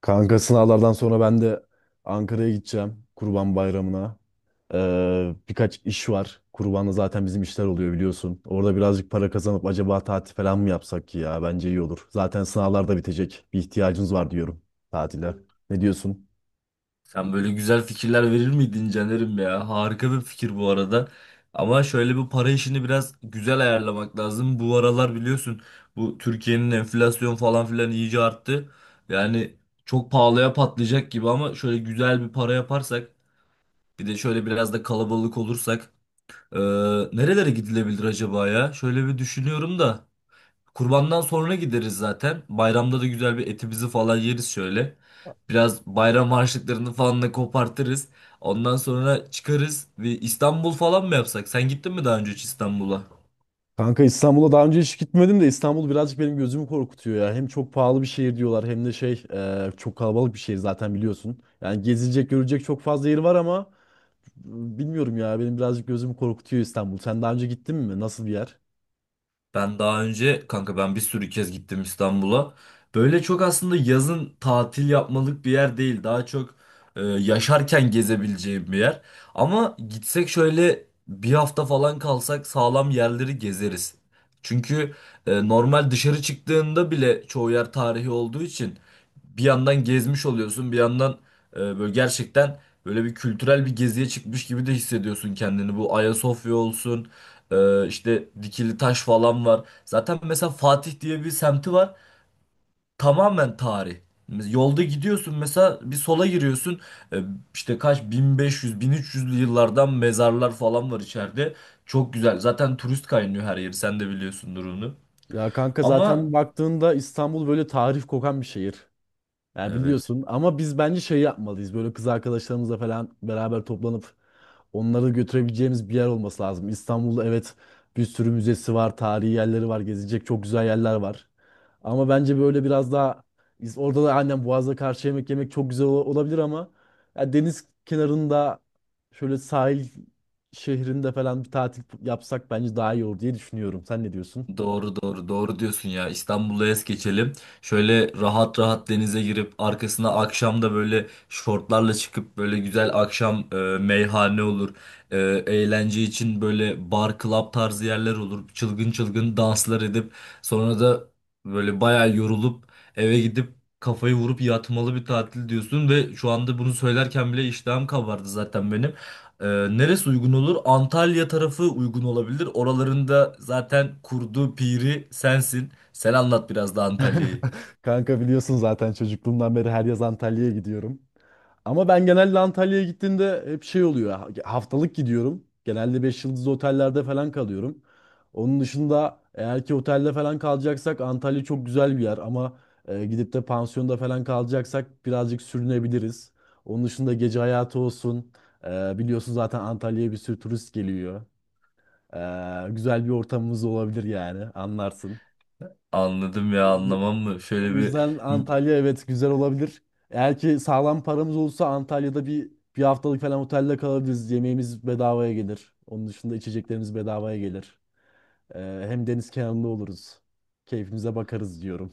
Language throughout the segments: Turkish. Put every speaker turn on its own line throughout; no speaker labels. Kanka sınavlardan sonra ben de Ankara'ya gideceğim Kurban Bayramı'na. Birkaç iş var. Kurban'da zaten bizim işler oluyor biliyorsun. Orada birazcık para kazanıp acaba tatil falan mı yapsak ki ya? Bence iyi olur. Zaten sınavlar da bitecek. Bir ihtiyacımız var diyorum tatile. Ne diyorsun?
Sen böyle güzel fikirler verir miydin Caner'im ya? Harika bir fikir bu arada. Ama şöyle bir para işini biraz güzel ayarlamak lazım. Bu aralar biliyorsun bu Türkiye'nin enflasyon falan filan iyice arttı. Yani çok pahalıya patlayacak gibi ama şöyle güzel bir para yaparsak bir de şöyle biraz da kalabalık olursak eee, nerelere gidilebilir acaba ya? Şöyle bir düşünüyorum da. Kurbandan sonra gideriz zaten. Bayramda da güzel bir etimizi falan yeriz şöyle. Biraz bayram harçlıklarını falan da kopartırız. Ondan sonra çıkarız ve İstanbul falan mı yapsak? Sen gittin mi daha önce hiç İstanbul'a?
Kanka İstanbul'a daha önce hiç gitmedim de İstanbul birazcık benim gözümü korkutuyor ya. Hem çok pahalı bir şehir diyorlar hem de çok kalabalık bir şehir zaten biliyorsun. Yani gezilecek görülecek çok fazla yeri var ama bilmiyorum ya, benim birazcık gözümü korkutuyor İstanbul. Sen daha önce gittin mi? Nasıl bir yer?
Ben daha önce kanka ben bir sürü kez gittim İstanbul'a. Böyle çok aslında yazın tatil yapmalık bir yer değil. Daha çok yaşarken gezebileceğim bir yer. Ama gitsek şöyle bir hafta falan kalsak sağlam yerleri gezeriz. Çünkü normal dışarı çıktığında bile çoğu yer tarihi olduğu için bir yandan gezmiş oluyorsun, bir yandan böyle gerçekten böyle bir kültürel bir geziye çıkmış gibi de hissediyorsun kendini. Bu Ayasofya olsun. İşte dikili taş falan var. Zaten mesela Fatih diye bir semti var. Tamamen tarih. Yolda gidiyorsun mesela bir sola giriyorsun. Ee, işte kaç 1500-1300'lü yıllardan mezarlar falan var içeride. Çok güzel. Zaten turist kaynıyor her yeri. Sen de biliyorsun durumunu.
Ya kanka vallahi
Ama
zaten baktığında İstanbul böyle tarih kokan bir şehir. Ya
evet.
biliyorsun ama biz bence şey yapmalıyız. Böyle kız arkadaşlarımızla falan beraber toplanıp onları götürebileceğimiz bir yer olması lazım. İstanbul'da evet, bir sürü müzesi var, tarihi yerleri var, gezilecek çok güzel yerler var. Ama bence böyle biraz daha orada da annem Boğaz'da karşı yemek yemek çok güzel olabilir ama ya, deniz kenarında, şöyle sahil şehrinde falan bir tatil yapsak bence daha iyi olur diye düşünüyorum. Sen ne diyorsun?
Doğru doğru doğru diyorsun ya, İstanbul'a es geçelim. Şöyle rahat rahat denize girip arkasına akşam da böyle şortlarla çıkıp böyle güzel akşam meyhane olur. E, eğlence için böyle bar club tarzı yerler olur. Çılgın çılgın danslar edip sonra da böyle bayağı yorulup eve gidip kafayı vurup yatmalı bir tatil diyorsun ve şu anda bunu söylerken bile iştahım kabardı zaten benim. Ee, neresi uygun olur? Antalya tarafı uygun olabilir. Oralarında zaten kurdu piri sensin. Sen anlat biraz da Antalya'yı.
Kanka biliyorsun zaten çocukluğumdan beri her yaz Antalya'ya gidiyorum. Ama ben genelde Antalya'ya gittiğimde hep şey oluyor. Haftalık gidiyorum. Genelde 5 yıldızlı otellerde falan kalıyorum. Onun dışında eğer ki otelde falan kalacaksak Antalya çok güzel bir yer ama gidip de pansiyonda falan kalacaksak birazcık sürünebiliriz. Onun dışında gece hayatı olsun. Biliyorsun zaten Antalya'ya bir sürü turist geliyor. Güzel bir ortamımız olabilir yani, anlarsın.
Anladım ya, anlamam mı?
O
Şöyle bir.
yüzden Antalya evet güzel olabilir. Eğer ki sağlam paramız olursa Antalya'da bir haftalık falan otelde kalabiliriz. Yemeğimiz bedavaya gelir. Onun dışında içeceklerimiz bedavaya gelir. Hem deniz kenarında oluruz. Keyfimize bakarız diyorum.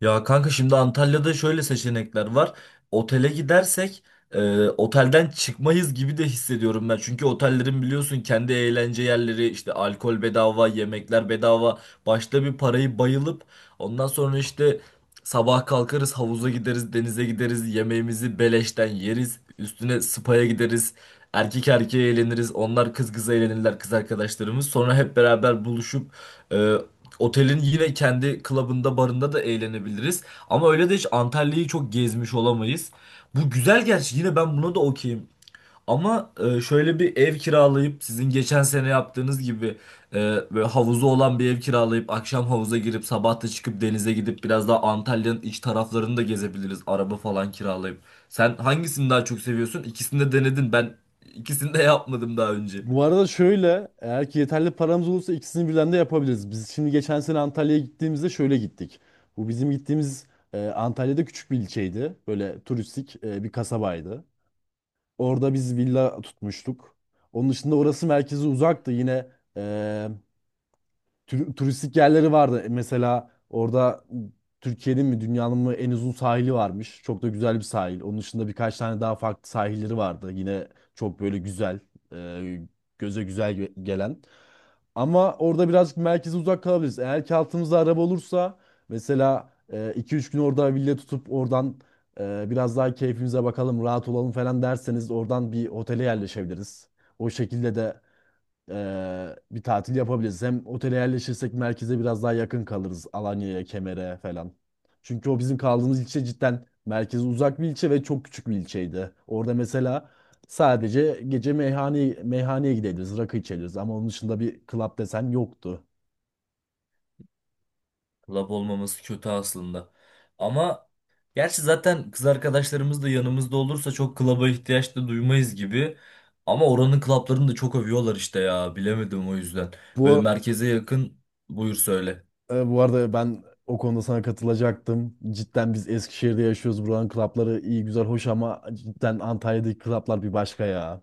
Ya kanka şimdi Antalya'da şöyle seçenekler var. Otele gidersek otelden çıkmayız gibi de hissediyorum ben. Çünkü otellerin biliyorsun kendi eğlence yerleri işte, alkol bedava, yemekler bedava. Başta bir parayı bayılıp ondan sonra işte sabah kalkarız, havuza gideriz, denize gideriz, yemeğimizi beleşten yeriz. Üstüne spa'ya gideriz. Erkek erkeğe eğleniriz. Onlar kız kıza eğlenirler, kız arkadaşlarımız. Sonra hep beraber buluşup e, Otelin yine kendi klubunda, barında da eğlenebiliriz. Ama öyle de hiç Antalya'yı çok gezmiş olamayız. Bu güzel gerçi, yine ben buna da okeyim. Ama şöyle bir ev kiralayıp sizin geçen sene yaptığınız gibi e, böyle havuzu olan bir ev kiralayıp akşam havuza girip sabah da çıkıp denize gidip biraz daha Antalya'nın iç taraflarını da gezebiliriz. Araba falan kiralayıp. Sen hangisini daha çok seviyorsun? İkisini de denedin. Ben ikisini de yapmadım daha önce.
Bu arada şöyle, eğer ki yeterli paramız olursa ikisini birden de yapabiliriz. Biz şimdi geçen sene Antalya'ya gittiğimizde şöyle gittik. Bu bizim gittiğimiz Antalya'da küçük bir ilçeydi. Böyle turistik, bir kasabaydı. Orada biz villa tutmuştuk. Onun dışında orası merkeze uzaktı. Yine eee, turistik yerleri vardı. Mesela orada Türkiye'nin mi dünyanın mı en uzun sahili varmış. Çok da güzel bir sahil. Onun dışında birkaç tane daha farklı sahilleri vardı. Yine çok böyle güzel, e, göze güzel gelen. Ama orada birazcık merkeze uzak kalabiliriz. Eğer ki altımızda araba olursa mesela iki üç gün orada villa tutup oradan biraz daha keyfimize bakalım, rahat olalım falan derseniz oradan bir otele yerleşebiliriz. O şekilde de bir tatil yapabiliriz. Hem otele yerleşirsek merkeze biraz daha yakın kalırız. Alanya'ya, Kemer'e falan. Çünkü o bizim kaldığımız ilçe cidden merkeze uzak bir ilçe ve çok küçük bir ilçeydi. Orada mesela sadece gece meyhaneye gidebiliriz, rakı içebiliriz ama onun dışında bir club desen yoktu.
Lab olmaması kötü aslında. Ama gerçi zaten kız arkadaşlarımız da yanımızda olursa çok klaba ihtiyaç da duymayız gibi. Ama oranın klaplarını da çok övüyorlar işte ya. Bilemedim o yüzden.
Bu
Böyle
ar-
merkeze yakın, buyur söyle.
Bu arada ben o konuda sana katılacaktım. Cidden biz Eskişehir'de yaşıyoruz. Buranın klapları iyi güzel hoş ama cidden Antalya'daki klaplar bir başka ya.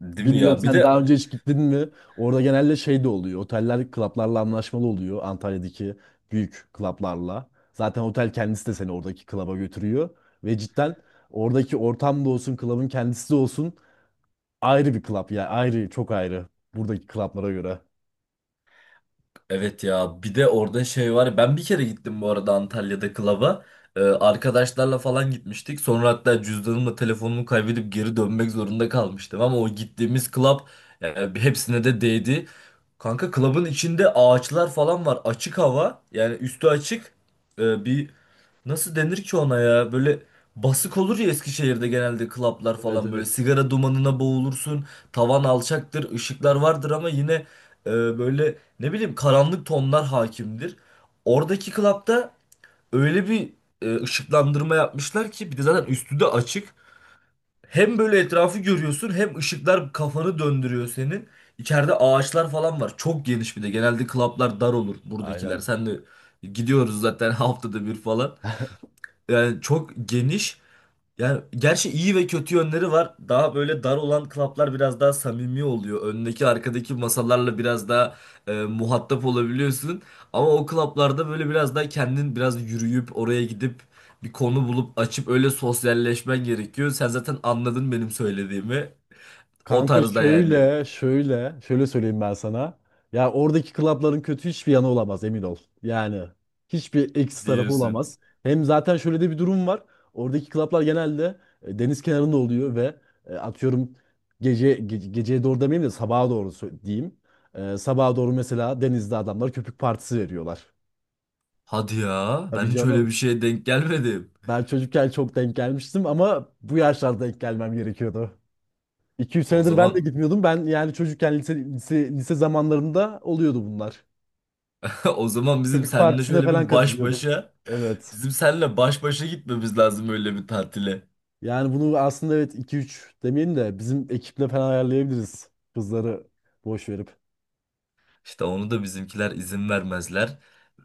Değil mi
Bilmiyorum,
ya? Bir
sen daha
de.
önce hiç gittin mi? Orada genelde şey de oluyor. Oteller klaplarla anlaşmalı oluyor. Antalya'daki büyük klaplarla. Zaten otel kendisi de seni oradaki klaba götürüyor. Ve cidden oradaki ortam da olsun, klabın kendisi de olsun ayrı bir klap ya. Ayrı, çok ayrı. Buradaki klaplara göre.
Evet ya, bir de orada şey var. Ben bir kere gittim bu arada Antalya'da klaba. Arkadaşlarla falan gitmiştik. Sonra hatta cüzdanımla telefonumu kaybedip geri dönmek zorunda kalmıştım. Ama o gittiğimiz klap, yani hepsine de değdi. Kanka klabın içinde ağaçlar falan var. Açık hava, yani üstü açık. Bir nasıl denir ki ona ya, böyle basık olur ya, Eskişehir'de genelde klaplar
Evet,
falan böyle
evet.
sigara dumanına boğulursun. Tavan alçaktır, ışıklar vardır ama yine e, böyle ne bileyim karanlık tonlar hakimdir. Oradaki klapta öyle bir ışıklandırma yapmışlar ki, bir de zaten üstü de açık. Hem böyle etrafı görüyorsun, hem ışıklar kafanı döndürüyor senin. İçeride ağaçlar falan var. Çok geniş bir de. Genelde klaplar dar olur buradakiler.
Aynen.
Sen de gidiyoruz zaten haftada bir falan. Yani çok geniş. Yani gerçi iyi ve kötü yönleri var. Daha böyle dar olan klaplar biraz daha samimi oluyor. Öndeki arkadaki masalarla biraz daha muhatap olabiliyorsun. Ama o klaplarda böyle biraz daha kendin biraz yürüyüp oraya gidip bir konu bulup açıp öyle sosyalleşmen gerekiyor. Sen zaten anladın benim söylediğimi. O
Kanka
tarzda yani
şöyle söyleyeyim ben sana. Ya oradaki klapların kötü hiçbir yanı olamaz, emin ol. Yani hiçbir eksi tarafı
diyorsun.
olamaz. Hem zaten şöyle de bir durum var. Oradaki klaplar genelde deniz kenarında oluyor ve atıyorum, geceye doğru demeyeyim de sabaha doğru diyeyim. Sabaha doğru mesela denizde adamlar köpük partisi veriyorlar.
Hadi ya,
Tabii
ben hiç öyle bir
canım.
şeye denk gelmedim.
Ben çocukken çok denk gelmiştim ama bu yaşlarda denk gelmem gerekiyordu. 200
O
senedir ben de
zaman
gitmiyordum. Ben yani çocukken lise zamanlarımda oluyordu bunlar.
O zaman bizim
Köpük
seninle
partisine
şöyle
falan
bir baş
katılıyordum.
başa,
Evet.
bizim seninle baş başa gitmemiz lazım öyle bir tatile.
Yani bunu aslında evet 2-3 demeyelim de bizim ekiple falan ayarlayabiliriz. Kızları boş verip.
İşte onu da bizimkiler izin vermezler.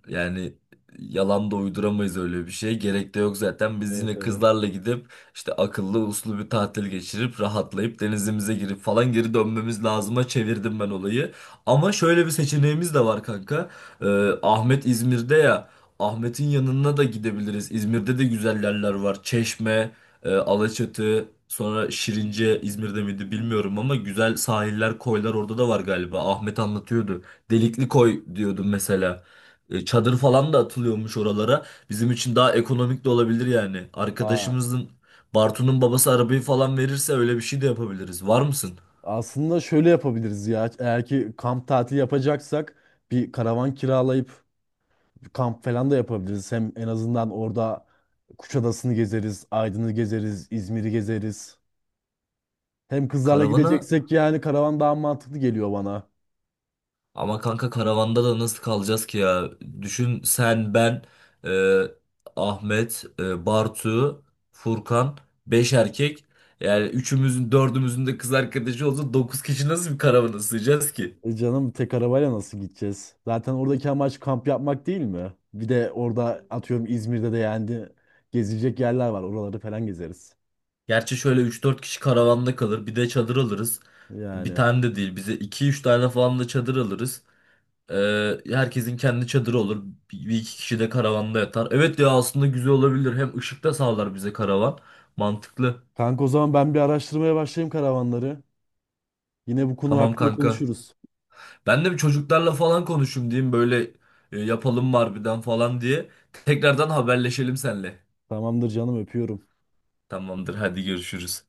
Yani yalan da uyduramayız öyle bir şey. Gerek de yok zaten. Biz
Evet,
yine
evet.
kızlarla gidip işte akıllı uslu bir tatil geçirip rahatlayıp denizimize girip falan geri dönmemiz lazıma çevirdim ben olayı. Ama şöyle bir seçeneğimiz de var kanka. Ahmet İzmir'de ya. Ahmet'in yanına da gidebiliriz. İzmir'de de güzel yerler var. Çeşme, Alaçatı, sonra Şirince İzmir'de miydi bilmiyorum ama güzel sahiller, koylar orada da var galiba. Ahmet anlatıyordu. Delikli koy diyordu mesela. Çadır falan da atılıyormuş oralara. Bizim için daha ekonomik de olabilir yani.
Aa,
Arkadaşımızın Bartu'nun babası arabayı falan verirse öyle bir şey de yapabiliriz. Var mısın?
aslında şöyle yapabiliriz ya. Eğer ki kamp tatili yapacaksak bir karavan kiralayıp bir kamp falan da yapabiliriz. Hem en azından orada Kuşadası'nı gezeriz, Aydın'ı gezeriz, İzmir'i gezeriz. Hem kızlarla
Karavana,
gideceksek yani karavan daha mantıklı geliyor bana.
ama kanka karavanda da nasıl kalacağız ki ya? Düşün sen, ben e, Ahmet, Bartu, Furkan, 5 erkek. Yani üçümüzün dördümüzün de kız arkadaşı olsa 9 kişi nasıl bir karavana sığacağız ki?
E canım, tek arabayla nasıl gideceğiz? Zaten oradaki amaç kamp yapmak değil mi? Bir de orada atıyorum İzmir'de de yani gezilecek yerler var. Oraları falan gezeriz.
Gerçi şöyle üç dört kişi karavanda kalır. Bir de çadır alırız. Bir
Yani.
tane de değil. Bize iki üç tane falan da çadır alırız. Herkesin kendi çadırı olur. Bir iki kişi de karavanda yatar. Evet ya, aslında güzel olabilir. Hem ışık da sağlar bize karavan. Mantıklı.
Kanka o zaman ben bir araştırmaya başlayayım karavanları. Yine bu konu
Tamam
hakkında
kanka.
konuşuruz.
Ben de bir çocuklarla falan konuşayım diyeyim. Böyle yapalım mı harbiden falan diye. Tekrardan haberleşelim seninle.
Tamamdır canım, öpüyorum.
Tamamdır hadi görüşürüz.